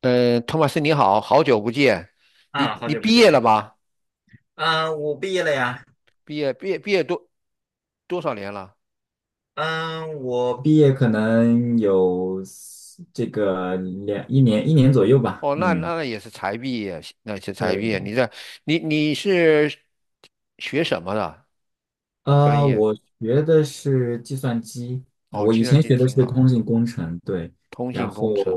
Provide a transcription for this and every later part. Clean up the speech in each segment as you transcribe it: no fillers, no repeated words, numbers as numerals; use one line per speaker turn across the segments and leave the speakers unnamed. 托马斯你好，好久不见。你
啊，好
你
久不
毕业了
见。
吗？
嗯，我毕业了呀。
毕业多少年了？
嗯，我毕业可能有这个两一年一年左右吧。
哦，那
嗯，
那也是才毕业，那是
对
才毕
对
业。
对。
你在你你是学什么的专业？
我学的是计算机。
哦，
我
计
以
算
前
机
学的
挺
是
好。
通信工程，对。
通
然
信
后，
工程。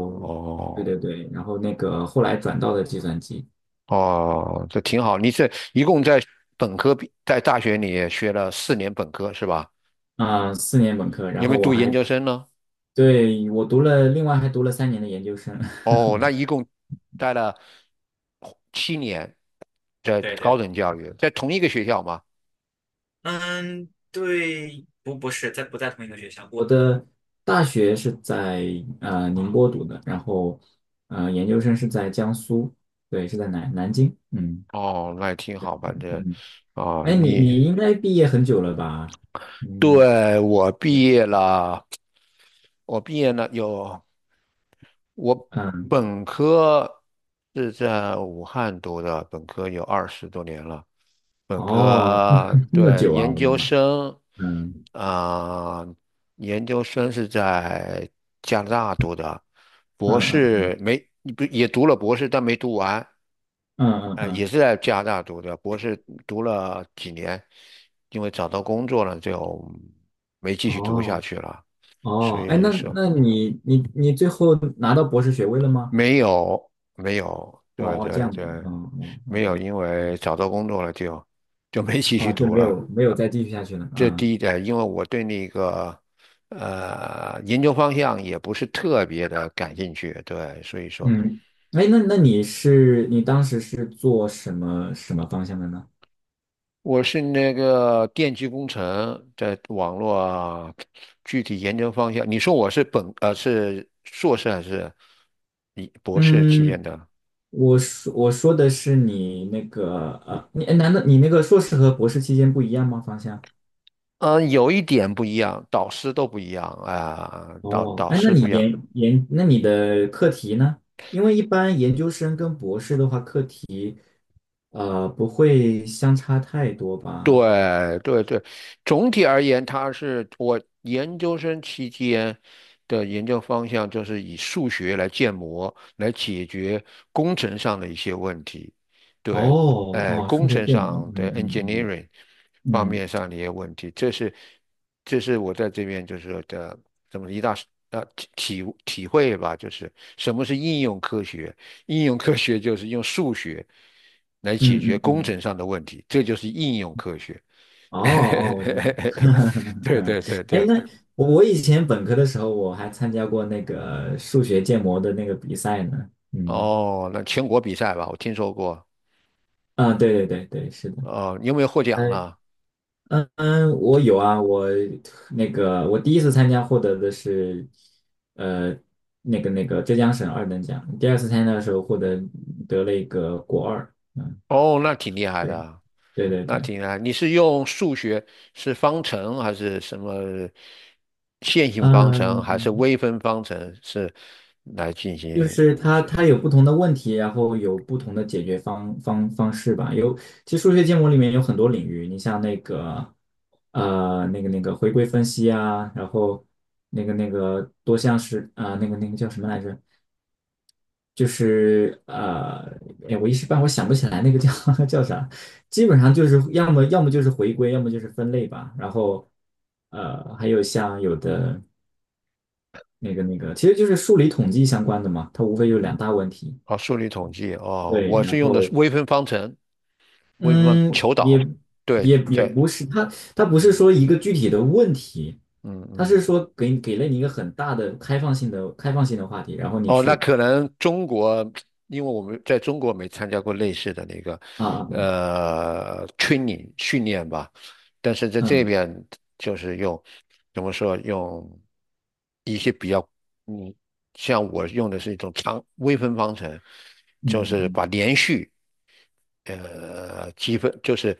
对
哦
对对，然后那个后来转到了计算机。
哦，这挺好。你是一共在本科毕在大学里学了4年本科是吧？
啊、4年本科。然
有没
后
有
我
读研
还，
究生呢？
对，我读了，另外还读了3年的研究生。
哦，那 一共待了7年在
对
高
对。
等教育，在同一个学校吗？
嗯，对，不是在不在同一个学校？我的大学是在宁波读的，然后研究生是在江苏，对，是在南京。嗯
哦，那也挺好。反正
嗯。
啊，
哎，你你应该毕业很久了吧？嗯
对，我毕业了我毕业了有。我
嗯。
本科是在武汉读的，本科有二十多年了。
哦，这么
对，
久啊，我的妈！嗯
啊、研究生是在加拿大读的。
嗯
博
嗯
士没不也读了博士，但没读完。
嗯嗯
呃，也
嗯。
是在加拿大读的。博士读了几年，因为找到工作了就没继续读下
哦
去了，所
哦，哎，
以
那
说。
那你最后拿到博士学位了吗？
没有，没有，
哦
对
哦，这
对
样子，
对。
哦哦
没有，
，OK。
因为
嗯，
找到工作了就没继续
啊，就
读
没有
了。
没有再继续下去了
这
啊。
第一点，因为我对那个研究方向也不是特别的感兴趣，对，所以说
嗯，哎，那你当时是做什么方向的呢？
我是那个电气工程在网络啊具体研究方向。你说我是是硕士还是博士期间
嗯，
的？
我说的是你那个，难道你那个硕士和博士期间不一样吗？方向？
有一点不一样，导师都不一样啊，导
哦，
导
哎，那
师
你
不一样。
那你的课题呢？因为一般研究生跟博士的话，课题不会相差太多吧？
对对对，总体而言，它是我研究生期间的研究方向，就是以数学来建模，来解决工程上的一些问题。对。
哦哦，
工
数学
程
建模。
上的
嗯
engineering
嗯
方
嗯
面上的一些问题。这是我在这边就是说的这么一大呃体会吧，就是什么是应用科学。应用科学就是用数学来解
嗯嗯
决
嗯嗯。
工
嗯，
程上的问题，这就是应用科学。
哦哦，我知道。
对
嗯，
对对
哎，
对。
那我以前本科的时候，我还参加过那个数学建模的那个比赛呢。嗯，
哦，那全国比赛吧，我听说过。
啊，对对对对，是的。
哦，你有没有获奖
嗯
了？
嗯嗯，我有啊。我那个我第一次参加获得的是，呃，那个浙江省二等奖，第二次参加的时候得了一个国二。嗯，
哦，那挺厉害
对
的，
对对
那
对。
挺厉害。你是用数学，是方程还是什么线性方程，还是
嗯，
微分方程，是来进
就
行？
是它有不同的问题，然后有不同的解决方式吧。有，其实数学建模里面有很多领域。你像那个，呃，那个回归分析啊，然后那个多项式啊、那个叫什么来着？就是呃，哎，我一时半会儿想不起来那个叫 叫啥。基本上就是要么就是回归，要么就是分类吧。然后还有像有的那个，其实就是数理统计相关的嘛，它无非就两大问题。
哦，数理统计哦，
对。
我
然
是用的是
后
微分方程，为什么
嗯，
求
也
岛？对。
也也不是，他不是
嗯
说一个具体的问题，
嗯
他是
嗯，
说给了你一个很大的开放性的话题，然后你
哦，那
去。
可能中国，因为我们在中国没参加过类似的那个
啊，嗯
training 训练吧。但是在这
嗯
边就是用怎么说用一些比较嗯，像我用的是一种长微分方程，就
嗯
是
嗯。
把连续，积分，就是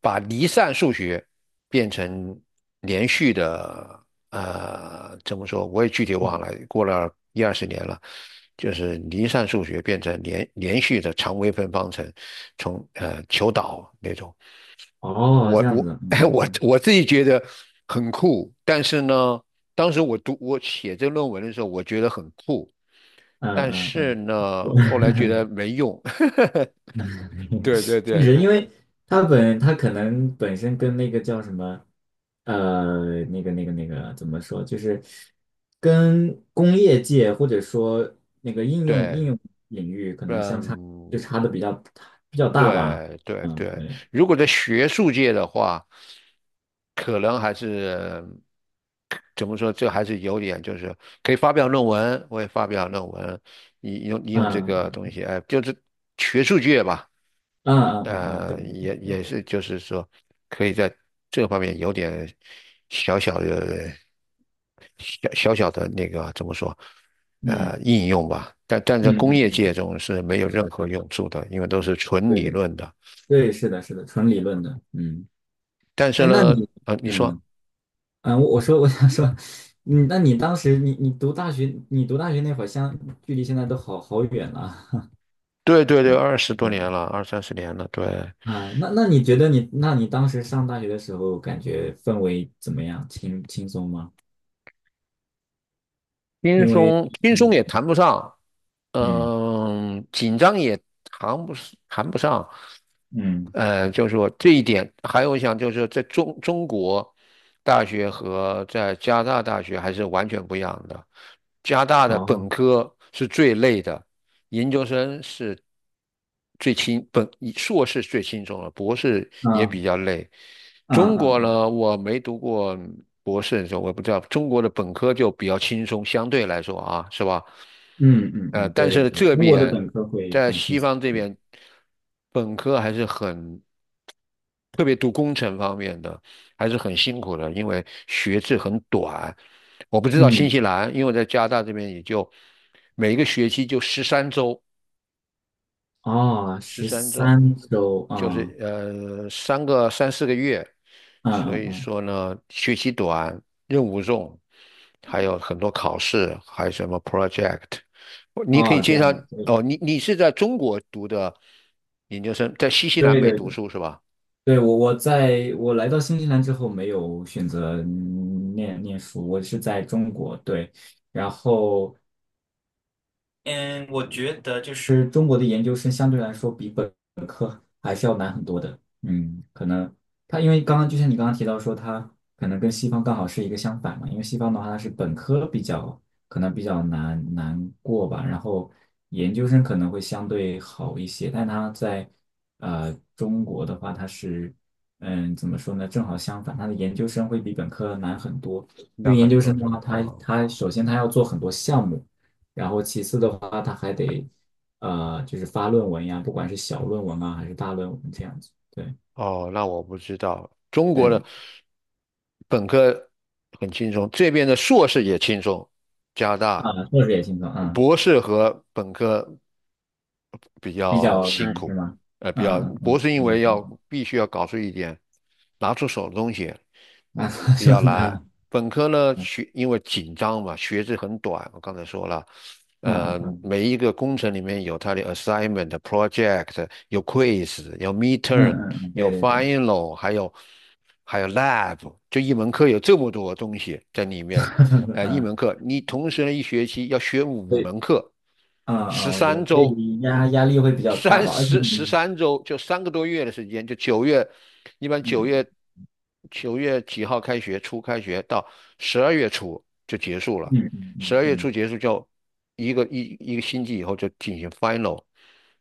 把离散数学变成连续的。呃，怎么说？我也具体
嗯，
忘了，过了一二十年了。就是离散数学变成连续的常微分方程，从求导那种。
哦，
我
这样
我
子。嗯
我
嗯
我自己觉得很酷，但是呢，当时我写这论文的时候，我觉得很酷，
嗯
但
嗯嗯
是
嗯，
呢，
我。
后来 觉得没用。
嗯。
对对
确
对。
实，因为他可能本身跟那个叫什么，呃，那个怎么说，就是跟工业界或者说那个应用
对。
应用领域可能相差
嗯，
就差的比较大吧。
对对
嗯，
对。
对。
如果在学术界的话，可能还是怎么说，这还是有点就是可以发表论文，我也发表论文，你用这个
嗯
东西，哎，就是学术界吧。
嗯嗯嗯嗯，对对
也
对。
是，就是说，可以在这方面有点小小的、小小的那个怎么说，
嗯
应用吧。但在
嗯
工
嗯
业界
嗯，
中是没有任何用处的，因为都是纯
对
理
对
论的。
对，是的，是的，纯理论的。嗯，
但是
哎，那
呢，
你，
你
嗯。
说，
嗯，我想说。嗯，那你当时你读大学，你读大学那会儿距离现在都好好远了。
对对对，
嗯，
二十多
对。
年了，二三十年了，对。
啊，那你觉得你，那你当时上大学的时候，感觉氛围怎么样？轻松吗？
轻
因为。
松轻松也
嗯
谈不上，
嗯
紧张也谈不上。
嗯，
就是说这一点，还有我想就是在中国大学和在加拿大大学还是完全不一样的。加拿大的本
哦。
科是最累的。研究生是最轻本硕士最轻松了，博士也
嗯
比较累。
嗯
中国
嗯
呢，我没读过博士的时候，我不知道，中国的本科就比较轻松，相对来说啊，是吧？
嗯嗯嗯，
但
对对
是
对，
这
中国的
边
本科会
在
很轻
西
松，
方这
对。
边，本科还是很，特别读工程方面的还是很辛苦的，因为学制很短。我不知道新
嗯，
西兰，因为我在加拿大这边也就每一个学期就十三周。
哦，
十
十
三周，
三周
就
啊。
是三四个月，
嗯
所
嗯
以
嗯，
说呢，学习短，任务重，还有很多考试，还有什么 project,你可以
哦，这
介
样
绍。
子，对。
哦，你是在中国读的研究生，在新西兰
对
没读
对
书是吧？
对，我来到新西兰之后没有选择念书，我是在中国，对。然后嗯，我觉得就是中国的研究生相对来说比本科还是要难很多的。嗯，可能他因为刚刚就像你刚刚提到说，他可能跟西方刚好是一个相反嘛。因为西方的话它是本科比较可能比较难过吧，然后研究生可能会相对好一些。但他在中国的话，它是怎么说呢，正好相反，他的研究生会比本科难很多。因
那
为研
很
究
多
生的
是
话，
吧？
他
哦
他首先他要做很多项目。然后其次的话，他还得就是发论文呀，不管是小论文啊还是大论文这样子。对。
哦，那我不知道，中国的
对
本科很轻松，这边的硕士也轻松，加拿大。
啊，硕士也轻松啊，
博士和本科比
比
较
较
辛
难是
苦。
吗？嗯嗯
博
嗯，
士因
比较
为要
轻
必须要搞出一点拿出手的东西，
松啊，
比较
就
难。
难。
本科呢，
嗯
因为紧张嘛，学制很短，我刚才说了。
嗯嗯
每一个工程里面有它的 assignment、project,有 quiz,有
嗯
midterm,
嗯嗯，对
有
对对。
final,还有lab,就一门课有这么多东西在里面。一
嗯，
门课你同时呢一学期要学五
所以。
门课，
嗯嗯，
十
我知道，
三
所
周。
以压力会比较大吧，而且
十
你。
三周，就3个多月的时间，就九月。一般九
嗯
月九月几号开学，开学到十二月初就结束了，
嗯嗯
十
嗯
二月初
嗯，
结束就一个星期以后就进行 final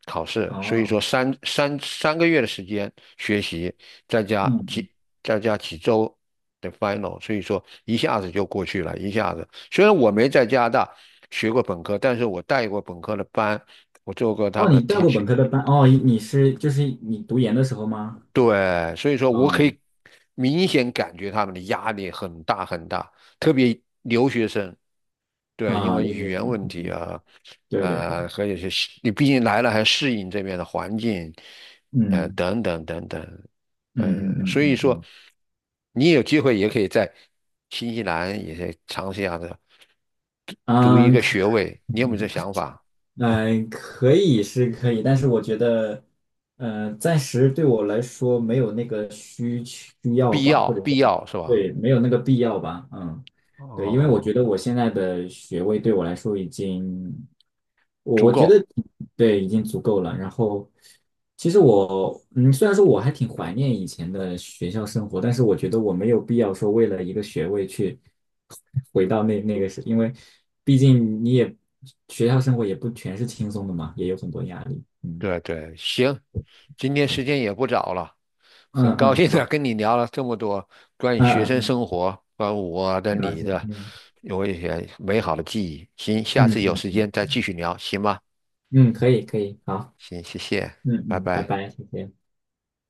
考试，所以
哦。
说三个月的时间学习，再加
嗯嗯，
几再加几周的 final,所以说一下子就过去了，一下子。虽然我没在加拿大学过本科，但是我带过本科的班。我做过他
哦，
们的
你带过本
teaching。
科的班哦，就是你读研的时候吗？
对，所以说我可
哦。
以明显感觉他们的压力很大很大，特别留学生，对，因
啊，
为语
留学
言问题
生。
啊。
对对对。
和有些适你毕竟来了还适应这边的环境，
嗯
等等等等。
嗯嗯嗯
所以
嗯
说
嗯。
你有机会也可以在新西兰也可以尝试一下的，读一
嗯，
个
可
学位，你有没有这想法？
嗯可以是可以，但是我觉得，暂时对我来说没有那个需要
必
吧，
要，
或者
必
说，
要是吧？
对，没有那个必要吧。嗯，对，因为我觉
哦，
得我现在的学位对我来说已经，我
足
我觉得，
够。
对，已经足够了。然后，其实我嗯，虽然说我还挺怀念以前的学校生活，但是我觉得我没有必要说为了一个学位去 回到那那个时，因为毕竟你也学校生活也不全是轻松的嘛，也有很多压力。嗯，
对对，行。今天
是。
时间也不早了，很
嗯
高
嗯，
兴的
好。
跟你聊了这么多关于
嗯
学
嗯
生
嗯，
生活，关于我的、
很高
你
兴。
的，
嗯
有一些美好的记忆。行，下
嗯
次有
嗯
时间再
嗯
继续聊，行吗？
嗯，可以可以，好。
行，谢谢，
嗯
拜
嗯，拜
拜。
拜，谢谢。